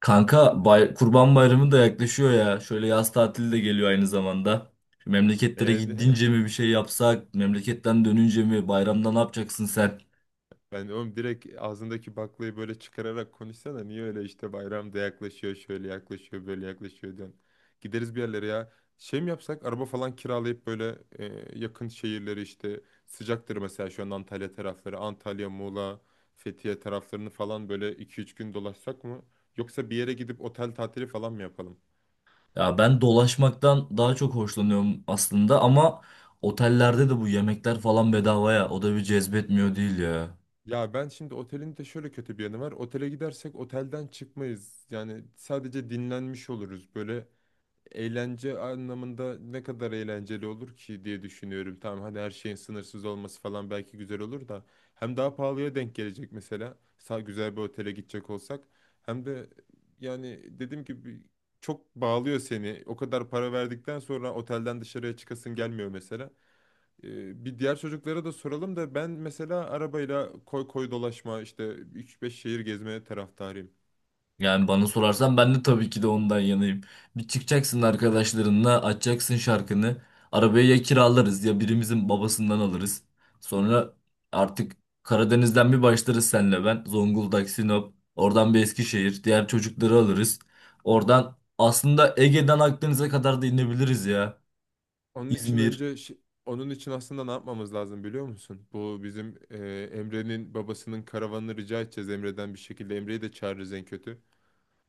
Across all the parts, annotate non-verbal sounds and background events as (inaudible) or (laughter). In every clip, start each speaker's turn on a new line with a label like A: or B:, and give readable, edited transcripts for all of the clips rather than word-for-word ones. A: Kanka Kurban Bayramı da yaklaşıyor ya. Şöyle yaz tatili de geliyor aynı zamanda. Şu Memleketlere
B: Ee,
A: gidince mi bir şey yapsak, memleketten dönünce mi, bayramda ne yapacaksın sen?
B: (laughs) ben oğlum direkt ağzındaki baklayı böyle çıkararak konuşsana. Niye öyle işte bayram da yaklaşıyor, şöyle yaklaşıyor, böyle yaklaşıyor diyorsun. Gideriz bir yerlere ya. Şey mi yapsak araba falan kiralayıp böyle yakın şehirleri işte sıcaktır mesela şu an Antalya tarafları. Antalya, Muğla, Fethiye taraflarını falan böyle iki üç gün dolaşsak mı? Yoksa bir yere gidip otel tatili falan mı yapalım?
A: Ya ben dolaşmaktan daha çok hoşlanıyorum aslında ama otellerde de bu yemekler falan bedava ya. O da bir cezbetmiyor değil ya.
B: Ya ben şimdi otelin de şöyle kötü bir yanı var. Otele gidersek otelden çıkmayız. Yani sadece dinlenmiş oluruz. Böyle eğlence anlamında ne kadar eğlenceli olur ki diye düşünüyorum. Tamam hadi her şeyin sınırsız olması falan belki güzel olur da hem daha pahalıya denk gelecek mesela. Sağ güzel bir otele gidecek olsak hem de yani dediğim gibi çok bağlıyor seni. O kadar para verdikten sonra otelden dışarıya çıkasın gelmiyor mesela. Bir diğer çocuklara da soralım da ben mesela arabayla koy koy dolaşma işte 3-5 şehir gezmeye taraftarıyım.
A: Yani bana sorarsan ben de tabii ki de ondan yanayım. Bir çıkacaksın arkadaşlarınla, açacaksın şarkını. Arabayı ya kiralarız ya birimizin babasından alırız. Sonra artık Karadeniz'den bir başlarız senle ben. Zonguldak, Sinop, oradan bir Eskişehir, diğer çocukları alırız. Oradan aslında Ege'den Akdeniz'e kadar da inebiliriz ya.
B: Onun için
A: İzmir.
B: önce onun için aslında ne yapmamız lazım biliyor musun? Bu bizim Emre'nin babasının karavanını rica edeceğiz Emre'den bir şekilde. Emre'yi de çağırırız en kötü.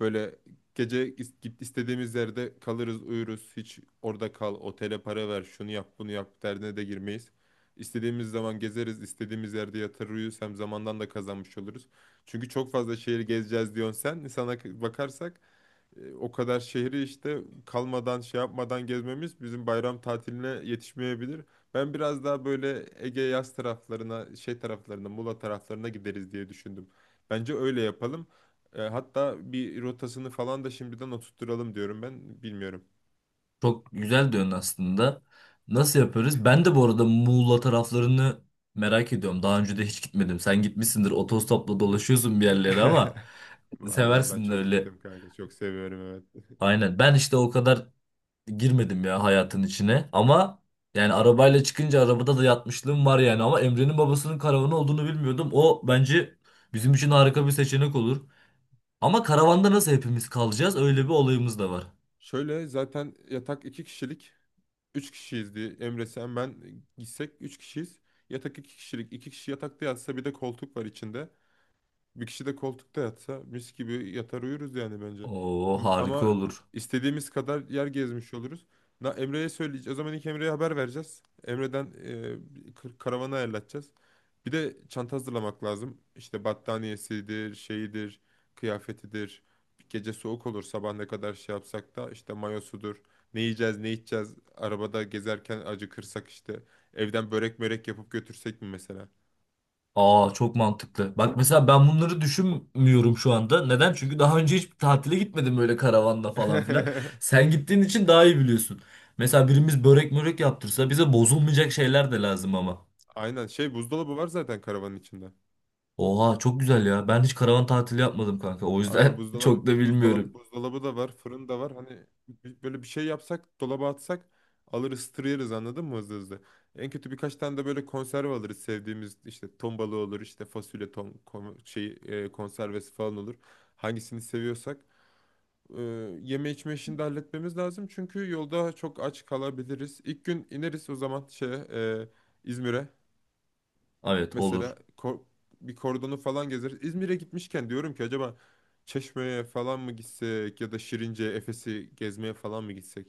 B: Böyle gece is- git istediğimiz yerde kalırız, uyuruz. Hiç orada kal, otele para ver, şunu yap, bunu yap derdine de girmeyiz. İstediğimiz zaman gezeriz, istediğimiz yerde yatar uyuruz. Hem zamandan da kazanmış oluruz. Çünkü çok fazla şehir gezeceğiz diyorsun sen. Sana bakarsak o kadar şehri işte kalmadan şey yapmadan gezmemiz bizim bayram tatiline yetişmeyebilir. Ben biraz daha böyle Ege yaz taraflarına, şey taraflarına, Muğla taraflarına gideriz diye düşündüm. Bence öyle yapalım. Hatta bir rotasını falan da şimdiden oturtturalım diyorum ben. Bilmiyorum.
A: Çok güzel diyorsun aslında. Nasıl yaparız? Ben de bu arada Muğla taraflarını merak ediyorum. Daha önce de hiç gitmedim. Sen gitmişsindir, otostopla dolaşıyorsun bir yerlere ama
B: (laughs) Vallahi ben
A: seversin
B: çok
A: öyle.
B: gittim kanka. Çok seviyorum evet.
A: Aynen. Ben işte o kadar girmedim ya hayatın içine. Ama yani arabayla çıkınca arabada da yatmışlığım var yani. Ama Emre'nin babasının karavanı olduğunu bilmiyordum. O bence bizim için harika bir seçenek olur. Ama karavanda nasıl hepimiz kalacağız? Öyle bir olayımız da var.
B: Şöyle zaten yatak iki kişilik. Üç kişiyiz diye Emre sen ben gitsek üç kişiyiz. Yatak iki kişilik. İki kişi yatakta yatsa bir de koltuk var içinde. Bir kişi de koltukta yatsa mis gibi yatar uyuruz yani bence.
A: Oo, harika
B: Ama
A: olur.
B: istediğimiz kadar yer gezmiş oluruz. Na, Emre'ye söyleyeceğiz. O zaman ilk Emre'ye haber vereceğiz. Emre'den karavanı ayarlatacağız. Bir de çanta hazırlamak lazım. İşte battaniyesidir, şeyidir, kıyafetidir. Gece soğuk olur sabah ne kadar şey yapsak da işte mayosudur. Ne yiyeceğiz, ne içeceğiz. Arabada gezerken acıkırsak işte. Evden börek mörek yapıp götürsek mi mesela?
A: Aa, çok mantıklı. Bak mesela ben bunları düşünmüyorum şu anda. Neden? Çünkü daha önce hiç tatile gitmedim böyle karavanla falan filan.
B: (laughs)
A: Sen gittiğin için daha iyi biliyorsun. Mesela birimiz börek mörek yaptırsa bize bozulmayacak şeyler de lazım ama.
B: Aynen şey buzdolabı var zaten karavanın içinde.
A: Oha, çok güzel ya. Ben hiç karavan tatili yapmadım kanka. O
B: Aynen
A: yüzden (laughs) çok
B: buzdolabı
A: da
B: bu- buzdolabı
A: bilmiyorum.
B: buzdolabı da var, fırın da var. Hani böyle bir şey yapsak, dolaba atsak alır ısıtır yeriz anladın mı hızlı hızlı. En kötü birkaç tane de böyle konserve alırız sevdiğimiz işte ton balığı olur, işte fasulye ton kon- şey e, konservesi falan olur. Hangisini seviyorsak. E, Yeme içme işini de halletmemiz lazım çünkü yolda çok aç kalabiliriz. İlk gün ineriz o zaman İzmir'e.
A: Evet,
B: Mesela
A: olur.
B: bir kordonu falan gezeriz. İzmir'e gitmişken diyorum ki acaba Çeşme'ye falan mı gitsek ya da Şirince, Efes'i gezmeye falan mı gitsek?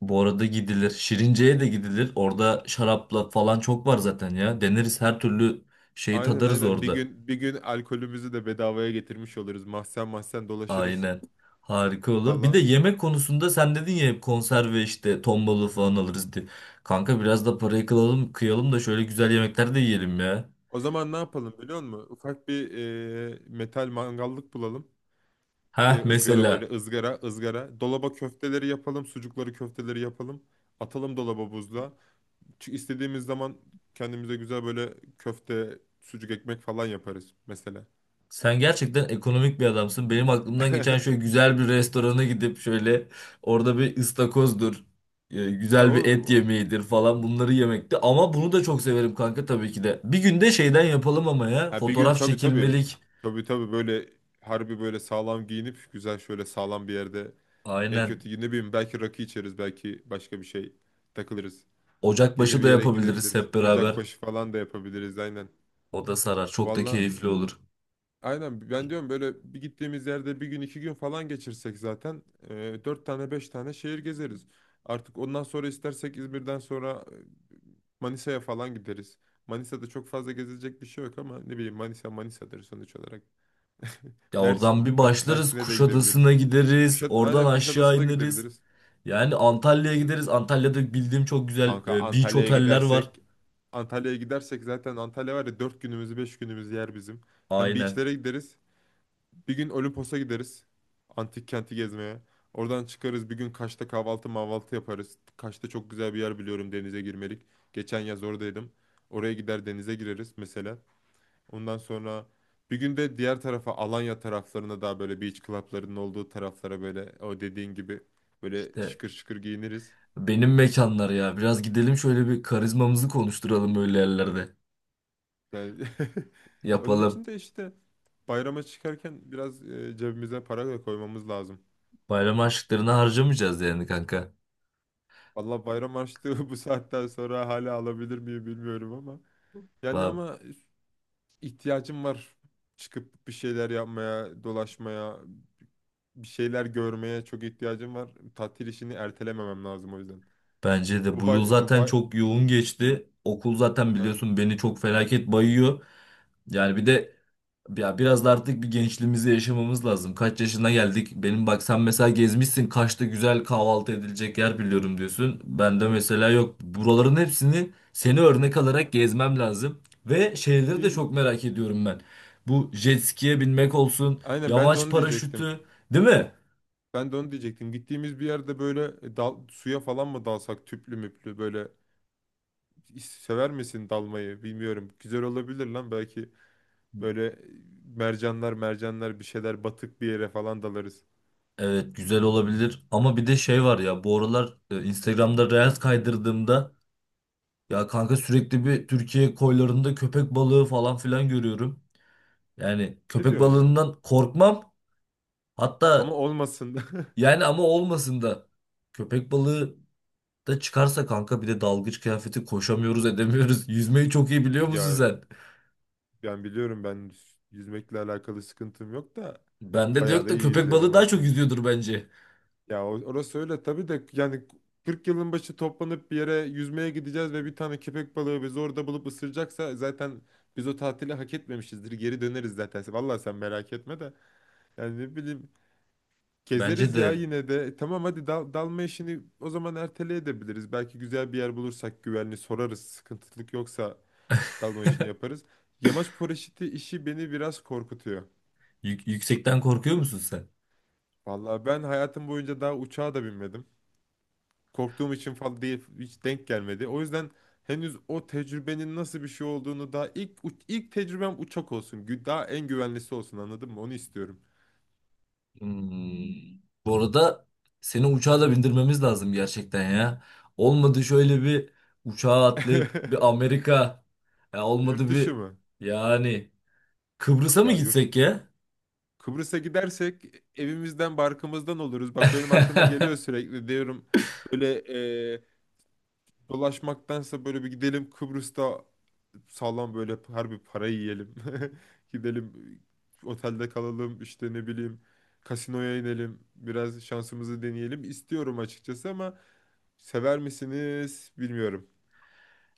A: Bu arada gidilir. Şirince'ye de gidilir. Orada şarapla falan çok var zaten ya. Deneriz, her türlü şeyi
B: Aynen,
A: tadarız
B: aynen. Bir
A: orada.
B: gün, bir gün alkolümüzü de bedavaya getirmiş oluruz. Mahzen mahzen dolaşırız.
A: Aynen. Harika olur. Bir de
B: Valla.
A: yemek konusunda sen dedin ya hep konserve işte ton balığı
B: Aha.
A: falan alırız diye. Kanka biraz da parayı kılalım, kıyalım da şöyle güzel yemekler de yiyelim ya.
B: O zaman ne yapalım biliyor musun? Ufak bir metal mangallık bulalım. E,
A: Ha,
B: ızgara
A: mesela.
B: böyle ızgara ızgara. Dolaba köfteleri yapalım. Sucukları köfteleri yapalım. Atalım dolaba buzluğa. Çünkü istediğimiz zaman kendimize güzel böyle köfte, sucuk ekmek falan yaparız mesela.
A: Sen gerçekten ekonomik bir adamsın. Benim aklımdan geçen şöyle
B: (laughs)
A: güzel bir restorana gidip şöyle orada bir ıstakozdur.
B: Ya
A: Güzel bir
B: oğlum
A: et yemeğidir falan bunları yemekti. Ama bunu da çok severim kanka tabii ki de. Bir günde şeyden yapalım ama ya.
B: ha bir gün,
A: Fotoğraf
B: tabii tabii,
A: çekilmelik.
B: tabii tabii böyle harbi böyle sağlam giyinip güzel şöyle sağlam bir yerde en
A: Aynen.
B: kötü ne bileyim belki rakı içeriz belki başka bir şey takılırız. Gece
A: Ocakbaşı
B: bir
A: da
B: yere
A: yapabiliriz
B: gidebiliriz.
A: hep beraber.
B: Ocakbaşı falan da yapabiliriz aynen.
A: O da sarar. Çok da
B: Valla,
A: keyifli olur.
B: aynen ben diyorum böyle bir gittiğimiz yerde bir gün iki gün falan geçirsek zaten dört tane beş tane şehir gezeriz. Artık ondan sonra istersek İzmir'den sonra Manisa'ya falan gideriz. Manisa'da çok fazla gezilecek bir şey yok ama ne bileyim Manisa Manisa'dır sonuç olarak. (laughs)
A: Ya oradan bir başlarız.
B: Mersin'e de gidebiliriz.
A: Kuşadası'na gideriz. Oradan
B: Aynen
A: aşağı
B: Kuşadası'na
A: ineriz.
B: gidebiliriz.
A: Yani Antalya'ya gideriz. Antalya'da bildiğim çok güzel
B: Kanka
A: beach
B: Antalya'ya
A: oteller var.
B: gidersek, zaten Antalya var ya dört günümüzü beş günümüzü yer bizim. Hem
A: Aynen.
B: beachlere gideriz. Bir gün Olimpos'a gideriz. Antik kenti gezmeye. Oradan çıkarız bir gün Kaş'ta kahvaltı mahvaltı yaparız. Kaş'ta çok güzel bir yer biliyorum denize girmelik. Geçen yaz oradaydım. Oraya gider denize gireriz mesela. Ondan sonra bir gün de diğer tarafa Alanya taraflarına daha böyle beach club'larının olduğu taraflara böyle o dediğin gibi böyle
A: İşte
B: şıkır şıkır giyiniriz.
A: benim mekanlar ya. Biraz gidelim şöyle bir karizmamızı konuşturalım öyle yerlerde.
B: Yani (laughs) onun
A: Yapalım.
B: için de işte bayrama çıkarken biraz cebimize para da koymamız lazım.
A: Bayram harçlıklarını harcamayacağız yani kanka.
B: Valla bayram harçlığı (laughs) bu saatten sonra hala alabilir miyim bilmiyorum ama. Yani
A: Va-
B: ama ihtiyacım var. Çıkıp bir şeyler yapmaya, dolaşmaya, bir şeyler görmeye çok ihtiyacım var. Tatil işini ertelememem lazım o yüzden.
A: Bence de
B: Bu
A: bu yıl
B: bay, bu
A: zaten
B: bay...
A: çok yoğun geçti. Okul zaten
B: Aha,
A: biliyorsun beni çok felaket bayıyor. Yani bir de ya biraz da artık bir gençliğimizi yaşamamız lazım. Kaç yaşına geldik? Benim bak sen mesela gezmişsin. Kaçta güzel kahvaltı edilecek yer biliyorum diyorsun. Ben de
B: aha.
A: mesela yok. Buraların hepsini seni örnek alarak gezmem lazım. Ve şeyleri de
B: Gittiğim...
A: çok merak ediyorum ben. Bu jet ski'ye binmek olsun.
B: Aynen ben de
A: Yamaç
B: onu diyecektim.
A: paraşütü. Değil mi?
B: Ben de onu diyecektim. Gittiğimiz bir yerde böyle suya falan mı dalsak tüplü müplü böyle sever misin dalmayı bilmiyorum. Güzel olabilir lan belki. Böyle mercanlar mercanlar bir şeyler batık bir yere falan dalarız.
A: Evet, güzel olabilir. Ama bir de şey var ya. Bu aralar Instagram'da Reels kaydırdığımda. Ya kanka sürekli bir Türkiye koylarında köpek balığı falan filan görüyorum. Yani
B: Ne
A: köpek
B: diyorsun ya?
A: balığından korkmam.
B: Ama
A: Hatta
B: olmasın da. (laughs)
A: yani ama olmasın da köpek balığı da çıkarsa kanka bir de dalgıç kıyafeti koşamıyoruz, edemiyoruz. (laughs) Yüzmeyi çok iyi biliyor musun
B: Ya
A: sen?
B: ben biliyorum, ben yüzmekle alakalı sıkıntım yok da
A: Bende de
B: bayağı
A: yok
B: da
A: da
B: iyi
A: köpek
B: yüzerim
A: balığı daha
B: hatta.
A: çok yüzüyordur bence.
B: Ya orası öyle tabii de yani 40 yılın başı toplanıp bir yere yüzmeye gideceğiz ve bir tane köpek balığı bizi orada bulup ısıracaksa zaten biz o tatili hak etmemişizdir. Geri döneriz zaten. Vallahi sen merak etme de. Yani ne bileyim
A: Bence
B: gezeriz ya
A: de
B: yine de. E, tamam hadi dalma işini o zaman ertele edebiliriz. Belki güzel bir yer bulursak güvenli sorarız. Sıkıntılık yoksa dalma işini yaparız. Yamaç paraşütü işi beni biraz korkutuyor.
A: Yüksekten korkuyor musun sen?
B: Vallahi ben hayatım boyunca daha uçağa da binmedim. Korktuğum için falan değil hiç denk gelmedi. O yüzden henüz o tecrübenin nasıl bir şey olduğunu daha ilk ilk tecrübem uçak olsun. Daha en güvenlisi olsun anladın mı? Onu istiyorum.
A: Hmm. Bu arada seni uçağa da bindirmemiz lazım gerçekten ya. Olmadı şöyle bir uçağa atlayıp
B: (laughs)
A: bir Amerika. Ya
B: Yurt
A: olmadı
B: dışı
A: bir
B: mı?
A: yani Kıbrıs'a mı
B: Ya yurt
A: gitsek ya?
B: Kıbrıs'a gidersek evimizden barkımızdan oluruz. Bak benim aklıma geliyor
A: (laughs)
B: sürekli diyorum böyle e, dolaşmaktansa böyle bir gidelim Kıbrıs'ta sağlam böyle harbi para yiyelim. (laughs) Gidelim otelde kalalım işte ne bileyim kasinoya inelim biraz şansımızı deneyelim istiyorum açıkçası ama sever misiniz bilmiyorum.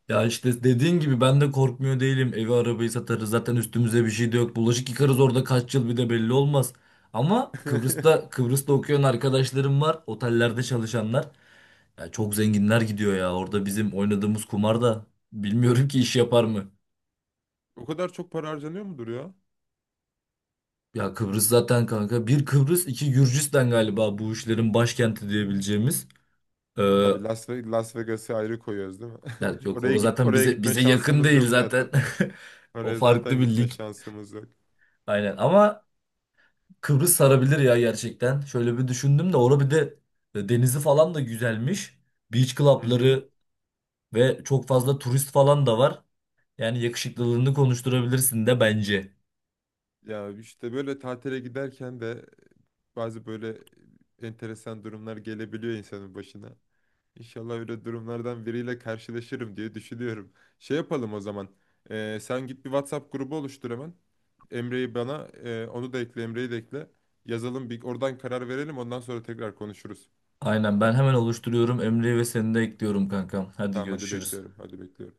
A: Ya işte dediğin gibi ben de korkmuyor değilim. Evi arabayı satarız. Zaten üstümüze bir şey de yok. Bulaşık yıkarız orada kaç yıl bir de belli olmaz. Ama Kıbrıs'ta
B: (laughs)
A: Okuyan arkadaşlarım var. Otellerde çalışanlar. Ya çok zenginler gidiyor ya. Orada bizim oynadığımız kumar da bilmiyorum ki iş yapar mı?
B: O kadar çok para harcanıyor mudur ya?
A: Ya Kıbrıs zaten kanka. Bir Kıbrıs, iki Gürcistan galiba bu işlerin başkenti diyebileceğimiz. Ee,
B: Tabii Las Vegas'ı ayrı koyuyoruz değil mi?
A: ya
B: (laughs)
A: yok, orası zaten
B: Oraya
A: bize
B: gitme
A: bize yakın
B: şansımız
A: değil
B: yok
A: zaten.
B: zaten.
A: (laughs) O
B: Oraya
A: farklı
B: zaten
A: bir
B: gitme
A: lig.
B: şansımız yok.
A: Aynen ama Kıbrıs sarabilir ya gerçekten. Şöyle bir düşündüm de orada bir de denizi falan da güzelmiş. Beach
B: Hı hı.
A: club'ları ve çok fazla turist falan da var. Yani yakışıklılığını konuşturabilirsin de bence.
B: Ya işte böyle tatile giderken de bazı böyle enteresan durumlar gelebiliyor insanın başına. İnşallah öyle durumlardan biriyle karşılaşırım diye düşünüyorum. Şey yapalım o zaman. Sen git bir WhatsApp grubu oluştur hemen. Emre'yi bana, onu da ekle, Emre'yi de ekle. Yazalım bir oradan karar verelim. Ondan sonra tekrar konuşuruz.
A: Aynen, ben hemen oluşturuyorum. Emre'yi ve seni de ekliyorum kankam. Hadi
B: Tamam hadi
A: görüşürüz.
B: bekliyorum. Hadi bekliyorum.